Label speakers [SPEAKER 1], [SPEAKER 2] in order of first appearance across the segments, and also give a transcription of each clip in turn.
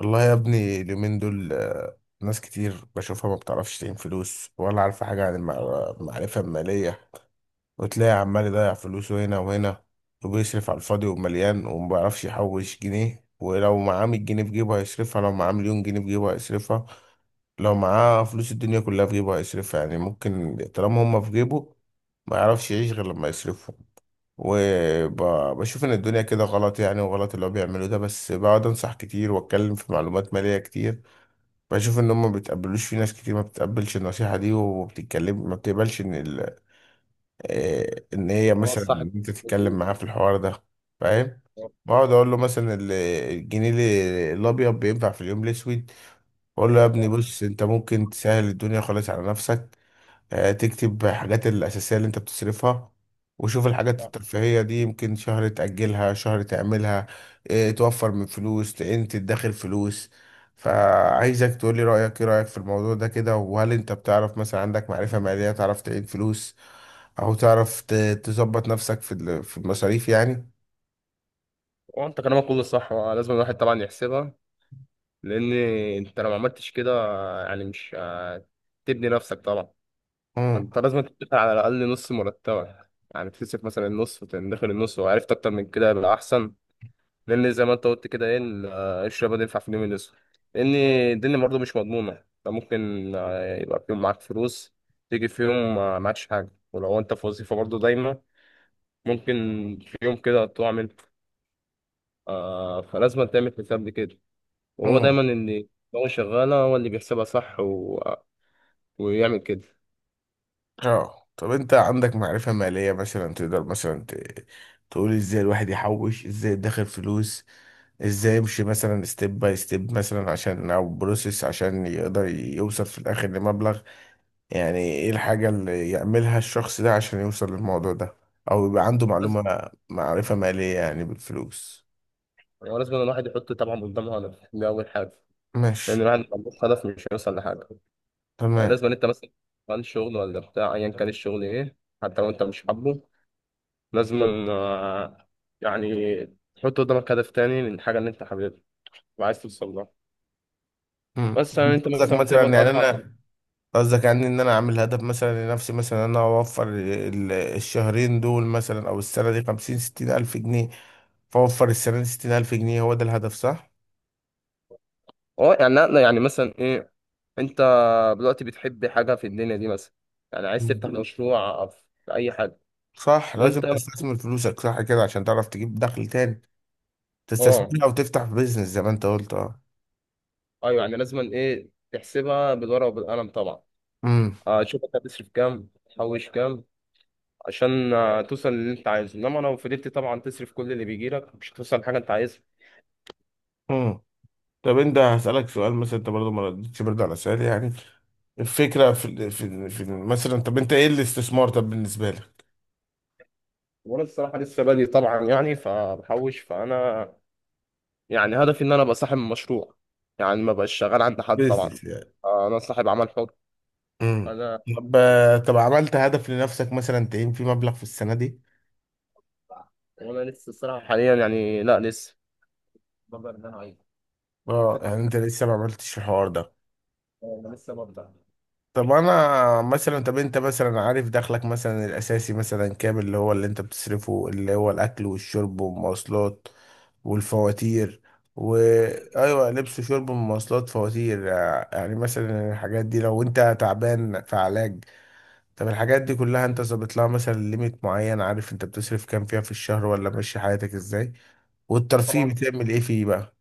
[SPEAKER 1] والله يا ابني اليومين دول ناس كتير بشوفها ما بتعرفش تعين فلوس ولا عارفة حاجة عن المعرفة المالية. وتلاقي عمال يضيع فلوسه هنا وهنا، وبيصرف على الفاضي ومليان وما بيعرفش يحوش جنيه. ولو معاه 100 جنيه في جيبه هيصرفها، لو معاه مليون جنيه في جيبه هيصرفها، لو معاه فلوس الدنيا كلها في جيبه هيصرفها. يعني ممكن طالما هما في جيبه ما يعرفش يعيش غير لما يصرفهم. وبشوف ان الدنيا كده غلط يعني، وغلط اللي هو بيعمله ده، بس بقعد انصح كتير واتكلم في معلومات مالية كتير. بشوف ان هم ما بيتقبلوش، في ناس كتير ما بتتقبلش النصيحه دي وبتتكلم ما بتقبلش ان ال... آه، ان هي
[SPEAKER 2] اه
[SPEAKER 1] مثلا،
[SPEAKER 2] صح.
[SPEAKER 1] إن انت تتكلم
[SPEAKER 2] مظبوط.
[SPEAKER 1] معاه في الحوار ده. فاهم.
[SPEAKER 2] آه،
[SPEAKER 1] بقعد اقول له مثلا الجنيه الابيض بينفع في اليوم الاسود. بقول له يا ابني
[SPEAKER 2] صح
[SPEAKER 1] بص انت ممكن تسهل الدنيا خالص على نفسك. تكتب حاجات الأساسية اللي أنت بتصرفها، وشوف الحاجات
[SPEAKER 2] صح.
[SPEAKER 1] الترفيهية دي يمكن شهر تأجلها شهر تعملها. توفر من فلوس، تعين، تدخر فلوس. فعايزك تقولي رأيك، إيه رأيك في الموضوع ده كده؟ وهل أنت بتعرف مثلا، عندك معرفة مالية تعرف تعين فلوس أو تعرف تظبط نفسك في المصاريف يعني؟
[SPEAKER 2] وانت كلامك كله صح. لازم الواحد طبعا يحسبها، لان انت لو ما عملتش كده، يعني مش هتبني نفسك طبعا.
[SPEAKER 1] مم.
[SPEAKER 2] انت لازم تدخل على الاقل نص مرتبك، يعني تصرف مثلا النص وتدخل النص، وعرفت اكتر من كده يبقى احسن. لان زي ما انت قلت كده ايه الشباب ده ينفع في اليوم الاسود، لان الدنيا برضه مش مضمونه. انت ممكن يبقى في يوم معاك فلوس، تيجي في يوم معكش حاجه. ولو انت في وظيفه برضه دايما ممكن في يوم كده تقع منك، فلازم تعمل حساب لكده. وهو دايما ان دماغه شغاله، هو اللي بيحسبها صح و... ويعمل كده.
[SPEAKER 1] اه طب انت عندك معرفة مالية مثلا؟ تقدر مثلا تقول ازاي الواحد يحوش، ازاي يدخر فلوس، ازاي يمشي مثلا ستيب باي ستيب مثلا عشان او بروسيس عشان يقدر يوصل في الاخر لمبلغ. يعني ايه الحاجة اللي يعملها الشخص ده عشان يوصل للموضوع ده؟ او يبقى عنده
[SPEAKER 2] لازم
[SPEAKER 1] معلومة معرفة مالية يعني بالفلوس.
[SPEAKER 2] لازم الواحد يحط طبعا قدامه هدف، دي اول حاجه، لان
[SPEAKER 1] ماشي.
[SPEAKER 2] الواحد لو ملوش هدف مش هيوصل لحاجه. يعني
[SPEAKER 1] تمام.
[SPEAKER 2] لازم انت مثلا عن شغل ولا بتاع، ايا كان الشغل ايه، حتى لو انت مش حابه، لازم آه، يعني تحط قدامك هدف تاني للحاجه اللي انت حاببها وعايز توصل لها.
[SPEAKER 1] مم.
[SPEAKER 2] بس يعني
[SPEAKER 1] انت
[SPEAKER 2] انت
[SPEAKER 1] قصدك
[SPEAKER 2] مثلا
[SPEAKER 1] مثلا
[SPEAKER 2] بتقبض
[SPEAKER 1] يعني
[SPEAKER 2] 4000.
[SPEAKER 1] انا؟ قصدك يعني ان انا اعمل هدف مثلا لنفسي، مثلا انا اوفر الشهرين دول مثلا، او السنه دي 50 60 ألف جنيه. فاوفر السنه دي 60 ألف جنيه، هو ده الهدف صح؟
[SPEAKER 2] اه يعني لا لا، يعني مثلا ايه، انت دلوقتي بتحب حاجه في الدنيا دي مثلا، يعني عايز
[SPEAKER 1] مم.
[SPEAKER 2] تفتح مشروع في اي حاجه.
[SPEAKER 1] صح، لازم
[SPEAKER 2] وانت
[SPEAKER 1] تستثمر فلوسك صح كده عشان تعرف تجيب دخل تاني.
[SPEAKER 2] اه.
[SPEAKER 1] تستثمر او تفتح بيزنس زي ما انت قلت. اه.
[SPEAKER 2] ايوه يعني لازم ايه، تحسبها بالورقه وبالقلم طبعا.
[SPEAKER 1] امم.
[SPEAKER 2] شوف انت هتصرف كام، تحوش كام، عشان توصل للي انت عايزه. انما لو فضلت طبعا تصرف كل اللي بيجي لك مش هتوصل لحاجه انت عايزها.
[SPEAKER 1] امم. طب انت هسألك سؤال، مثلا انت برضه ما ردتش برضه على سؤالي يعني. الفكرة مثلا، طب انت ايه الاستثمار طب بالنسبة لك؟
[SPEAKER 2] وانا الصراحه لسه بادئ طبعا، يعني فبحوش. فانا يعني هدفي ان انا ابقى صاحب مشروع، يعني ما بقاش شغال عند حد طبعا.
[SPEAKER 1] بيزنس.
[SPEAKER 2] انا صاحب عمل حر.
[SPEAKER 1] امم.
[SPEAKER 2] انا
[SPEAKER 1] طب طب عملت هدف لنفسك مثلا تعين فيه مبلغ في السنة دي؟
[SPEAKER 2] وانا لسه الصراحه حاليا يعني لا لسه ببدأ ان انا اعيش
[SPEAKER 1] اه
[SPEAKER 2] فكرة
[SPEAKER 1] يعني
[SPEAKER 2] الحياة.
[SPEAKER 1] انت لسه ما عملتش الحوار ده.
[SPEAKER 2] انا لسه ببدأ.
[SPEAKER 1] طب انا مثلا، طب انت مثلا عارف دخلك مثلا الاساسي مثلا كام؟ اللي هو اللي انت بتصرفه، اللي هو الاكل والشرب والمواصلات والفواتير و ايوه، لبس وشرب ومواصلات فواتير، يعني مثلا الحاجات دي لو انت تعبان في علاج. طب الحاجات دي كلها انت ظابط لها مثلا ليميت معين؟ عارف انت بتصرف كام فيها في الشهر؟ ولا ماشي حياتك ازاي؟ والترفيه
[SPEAKER 2] طبعا
[SPEAKER 1] بتعمل ايه فيه بقى؟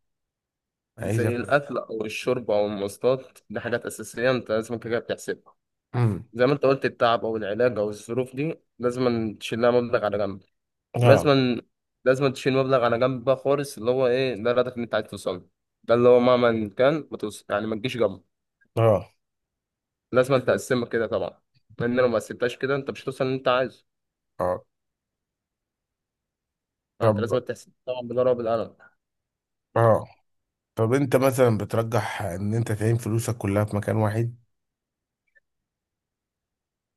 [SPEAKER 1] عايز أف-
[SPEAKER 2] زي الاكل او الشرب او المواصلات، دي حاجات اساسيه انت لازم كده بتحسبها.
[SPEAKER 1] امم.
[SPEAKER 2] زي ما انت قلت، التعب او العلاج او الظروف دي لازم تشيل لها مبلغ على جنب.
[SPEAKER 1] اه.
[SPEAKER 2] ولازم تشيل مبلغ على جنب بقى خالص، اللي هو ايه، ده الهدف اللي انت عايز توصل له. ده اللي هو مهما كان ما توصل يعني ما تجيش جنبه.
[SPEAKER 1] اه.
[SPEAKER 2] لازم تقسمها كده طبعا، لان لو ما قسمتهاش كده انت مش هتوصل اللي انت عايزه.
[SPEAKER 1] اه. طب.
[SPEAKER 2] فانت لازم تحسب طبعا بالورقه وبالقلم.
[SPEAKER 1] اه. طب انت مثلا بترجح ان انت تعين فلوسك كلها في مكان واحد؟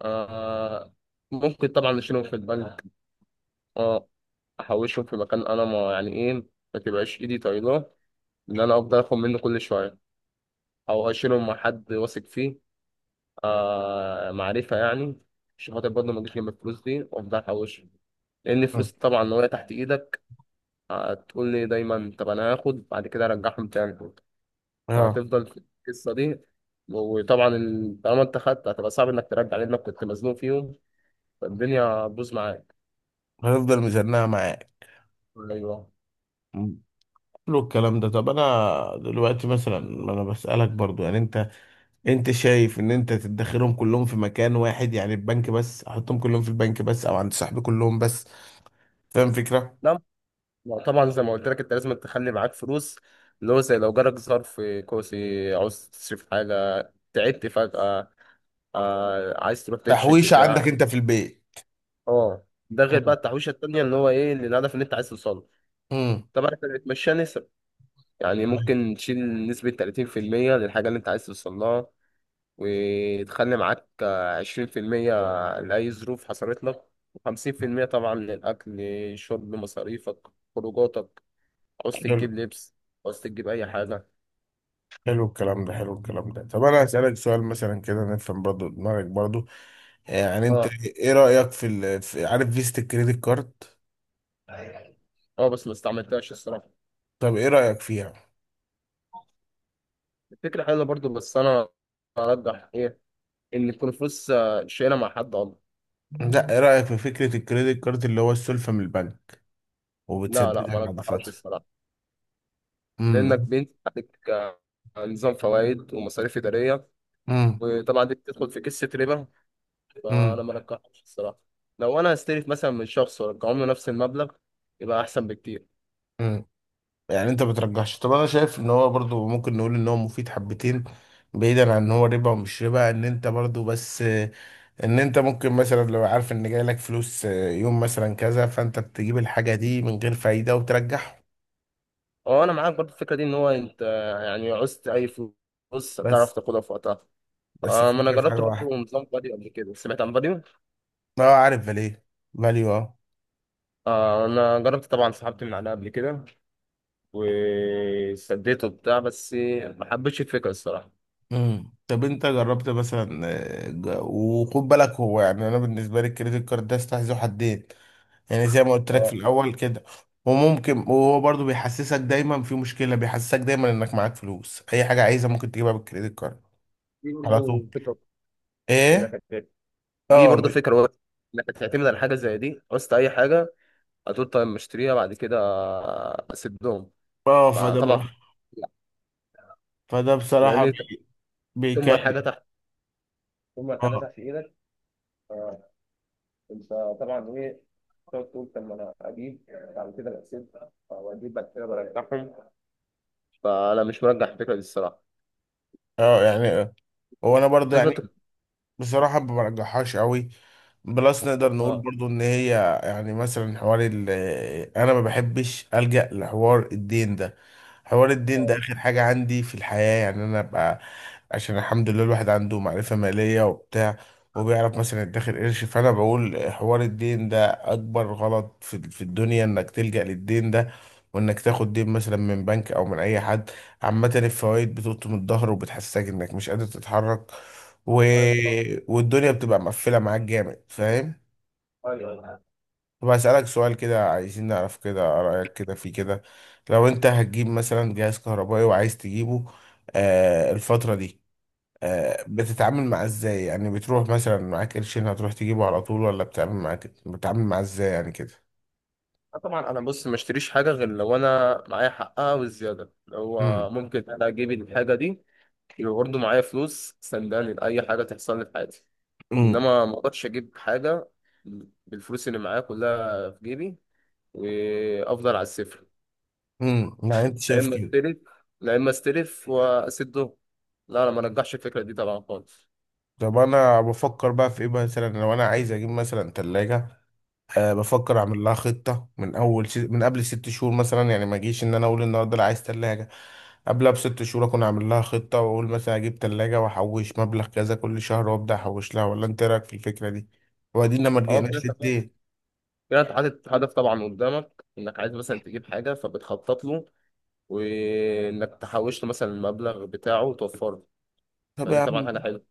[SPEAKER 2] آه، ممكن طبعا اشيلهم في البنك، اه احوشهم في مكان انا ما، يعني ايه، ما تبقاش ايدي طايله ان انا افضل اخد منه كل شويه، او اشيلهم مع حد واثق فيه، آه معرفه يعني، عشان خاطر برضه ما اجيش جنب الفلوس دي وافضل احوشهم. لان
[SPEAKER 1] مم.
[SPEAKER 2] الفلوس طبعا لو هي تحت ايدك، هتقول لي دايما طب انا هاخد بعد كده ارجعهم تاني،
[SPEAKER 1] اه.
[SPEAKER 2] فهتفضل في القصه دي. وطبعا طالما انت خدت هتبقى صعب انك ترجع، لانك كنت مزنوق فيهم، فالدنيا هتبوظ معاك.
[SPEAKER 1] هنفضل ميزانها معاك.
[SPEAKER 2] ايوه.
[SPEAKER 1] كله الكلام ده، طب انا دلوقتي مثلا، ما انا بسألك برضو يعني. انت شايف ان انت تدخرهم كلهم في مكان واحد يعني البنك بس؟ احطهم كلهم في البنك بس، او عند صاحبي كلهم بس؟ فاهم فكرة.
[SPEAKER 2] لا لا طبعا، زي ما قلت لك انت لازم تخلي معاك فلوس، اللي هو زي لو جالك ظرف كوسي عاوز تصرف حاجة، تعبت فجأة، عايز تروح تكشف
[SPEAKER 1] تحويشة
[SPEAKER 2] بتاع.
[SPEAKER 1] عندك انت في البيت.
[SPEAKER 2] اه ده غير بقى
[SPEAKER 1] امم.
[SPEAKER 2] التحويشة التانية، اللي هو ايه، للهدف اللي انت عايز توصله. طبعا احنا بنتمشى نسب، يعني ممكن تشيل نسبة 30% للحاجة اللي انت عايز توصل لها، وتخلي معاك 20% لأي ظروف حصلت لك، و50% طبعا للأكل، شرب، مصاريفك، خروجاتك، عاوز تجيب
[SPEAKER 1] امم.
[SPEAKER 2] لبس، عاوز تجيب أي حاجة.
[SPEAKER 1] حلو الكلام ده، حلو الكلام ده. طب انا هسألك سؤال مثلا كده نفهم برضو دماغك برضو. يعني انت
[SPEAKER 2] اه.
[SPEAKER 1] ايه رأيك في، عارف، فيزة الكريدت كارد؟
[SPEAKER 2] اه بس ما استعملتهاش الصراحه.
[SPEAKER 1] طب ايه رأيك فيها؟
[SPEAKER 2] الفكره حلوه برضو، بس انا ارجح ايه، ان تكون فلوس شايلها مع حد والله.
[SPEAKER 1] لا، ايه رأيك في فكرة الكريدت كارد اللي هو السلفة من البنك
[SPEAKER 2] لا لا ما
[SPEAKER 1] وبتسددها بعد
[SPEAKER 2] ارجحهاش
[SPEAKER 1] فترة؟
[SPEAKER 2] الصراحه، لانك
[SPEAKER 1] امم.
[SPEAKER 2] بنت عليك نظام فوائد ومصاريف اداريه.
[SPEAKER 1] امم.
[SPEAKER 2] وطبعا دي بتدخل في قصه ربا، فانا
[SPEAKER 1] امم.
[SPEAKER 2] ما ارجحهاش الصراحه. لو انا استلف مثلا من شخص وارجعهم له نفس المبلغ يبقى احسن بكتير.
[SPEAKER 1] امم. يعني انت بترجحش. طب انا شايف ان هو برضو ممكن نقول ان هو مفيد حبتين، بعيدا عن ان هو ربا ومش ربا، ان انت برضو بس ان انت ممكن مثلا لو عارف ان جاي لك فلوس يوم مثلا كذا، فانت بتجيب الحاجة دي من غير فايدة وترجعه.
[SPEAKER 2] اه انا معاك برضو الفكره دي، ان هو انت يعني عوزت اي فلوس تعرف
[SPEAKER 1] بس،
[SPEAKER 2] تاخدها في وقتها.
[SPEAKER 1] بس
[SPEAKER 2] ما انا
[SPEAKER 1] الفكرة في حاجة
[SPEAKER 2] جربت
[SPEAKER 1] واحدة.
[SPEAKER 2] برضو نظام فاديو قبل كده، سمعت عن فاديو.
[SPEAKER 1] اه عارف فاليه، فاليو. اه.
[SPEAKER 2] آه انا جربت طبعا، سحبت من عليها قبل كده وسديته وبتاع، بس ما حبيتش الفكره الصراحه.
[SPEAKER 1] امم. طب انت جربت مثلا؟ وخد بالك هو، يعني انا بالنسبة لي الكريدت كارد ده استحذو حدين يعني، زي ما قلت لك في
[SPEAKER 2] آه،
[SPEAKER 1] الاول كده. وممكن، وهو برضو بيحسسك دايما في مشكله، بيحسسك دايما انك معاك فلوس، اي حاجه عايزها ممكن تجيبها بالكريدت كارد
[SPEAKER 2] دي
[SPEAKER 1] على طول.
[SPEAKER 2] برضه فكرة. اللي
[SPEAKER 1] ايه.
[SPEAKER 2] كانت- دي
[SPEAKER 1] اه.
[SPEAKER 2] برضه فكره وقت، انك تعتمد على حاجه زي دي. قصت اي حاجه هتقول طيب مشتريها بعد كده اسدهم.
[SPEAKER 1] اه فده
[SPEAKER 2] فطبعا
[SPEAKER 1] بقى.
[SPEAKER 2] لا،
[SPEAKER 1] فده بصراحه
[SPEAKER 2] لان انت ثم الحاجه
[SPEAKER 1] بيكلم.
[SPEAKER 2] تحت ثم الحاجه
[SPEAKER 1] اه.
[SPEAKER 2] تحت ايدك، انت طبعا ايه، تقعد تقول طب ما انا اجيب بعد كده بسيب، او اجيب بعد كده برجعهم. فانا مش مرجح الفكره دي الصراحه.
[SPEAKER 1] اه يعني وانا برضو
[SPEAKER 2] لازم
[SPEAKER 1] يعني
[SPEAKER 2] انت
[SPEAKER 1] بصراحه ما برجحهاش قوي. بلس نقدر نقول برضو ان هي، يعني مثلا حوار انا ما بحبش الجا لحوار الدين ده. حوار الدين ده
[SPEAKER 2] آه.
[SPEAKER 1] اخر حاجة عندي في الحياة، يعني انا ابقى عشان الحمد لله الواحد عنده معرفة مالية وبتاع، وبيعرف مثلا يدخر قرش. فانا بقول حوار الدين ده اكبر غلط في الدنيا، انك تلجأ للدين ده، وانك تاخد دين مثلا من بنك او من اي حد. عامة الفوائد بتقطم الظهر وبتحسسك انك مش قادر تتحرك و...
[SPEAKER 2] ايوه صح.
[SPEAKER 1] والدنيا بتبقى مقفلة معاك جامد. فاهم.
[SPEAKER 2] ايوه ايوه.
[SPEAKER 1] طب هسألك سؤال كده، عايزين نعرف كده رأيك كده في كده، لو انت هتجيب مثلا جهاز كهربائي وعايز تجيبه الفترة دي، بتتعامل معاه ازاي يعني؟ بتروح مثلا معاك قرشين هتروح تجيبه على طول؟ ولا بتتعامل معاه ازاي يعني كده؟
[SPEAKER 2] طبعا انا بص ما اشتريش حاجه غير لو انا معايا حقها والزياده، اللي هو
[SPEAKER 1] امم.
[SPEAKER 2] ممكن انا اجيب الحاجه دي يبقى برضه معايا فلوس سنداني لاي حاجه تحصل لي في حياتي.
[SPEAKER 1] امم.
[SPEAKER 2] انما ما اقدرش اجيب حاجه بالفلوس اللي معايا كلها في جيبي وافضل على الصفر.
[SPEAKER 1] امم. يعني انت
[SPEAKER 2] لا
[SPEAKER 1] شايف
[SPEAKER 2] اما
[SPEAKER 1] كده.
[SPEAKER 2] استلف لا اما استلف واسده، لا انا ما رجحش الفكره دي طبعا خالص.
[SPEAKER 1] طب انا بفكر بقى في ايه مثلا لو انا عايز اجيب مثلا تلاجة؟ أه بفكر اعمل لها خطه من اول من قبل 6 شهور مثلا. يعني ما اجيش ان انا اقول النهارده لا عايز ثلاجه، قبلها ب6 شهور اكون اعمل لها خطه، واقول مثلا اجيب ثلاجه واحوش مبلغ كذا كل شهر، وابدا احوش لها. ولا انت إيه رايك في الفكره دي، وبعدين لما
[SPEAKER 2] هو كده
[SPEAKER 1] رجعناش
[SPEAKER 2] انت،
[SPEAKER 1] للدين؟
[SPEAKER 2] كده أنت حاطط هدف طبعا قدامك، انك عايز مثلا تجيب حاجه فبتخطط له، وانك تحوش له مثلا المبلغ بتاعه وتوفره،
[SPEAKER 1] طب يا
[SPEAKER 2] فدي طبعا
[SPEAKER 1] عم،
[SPEAKER 2] حاجه حلوه.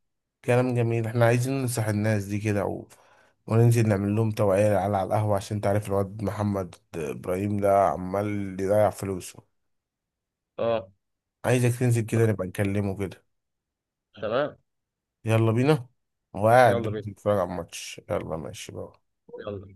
[SPEAKER 1] كلام جميل. احنا عايزين ننصح الناس دي كده وننزل نعمل لهم توعية على القهوة عشان تعرف الواد محمد إبراهيم ده عمال يضيع فلوسه.
[SPEAKER 2] اه.
[SPEAKER 1] عايزك تنزل
[SPEAKER 2] لا،
[SPEAKER 1] كده نبقى نكلمه كده.
[SPEAKER 2] تمام.
[SPEAKER 1] يلا بينا. هو قاعد
[SPEAKER 2] يلا
[SPEAKER 1] دلوقتي
[SPEAKER 2] بينا.
[SPEAKER 1] بيتفرج على الماتش. يلا ماشي بقى.
[SPEAKER 2] يلا.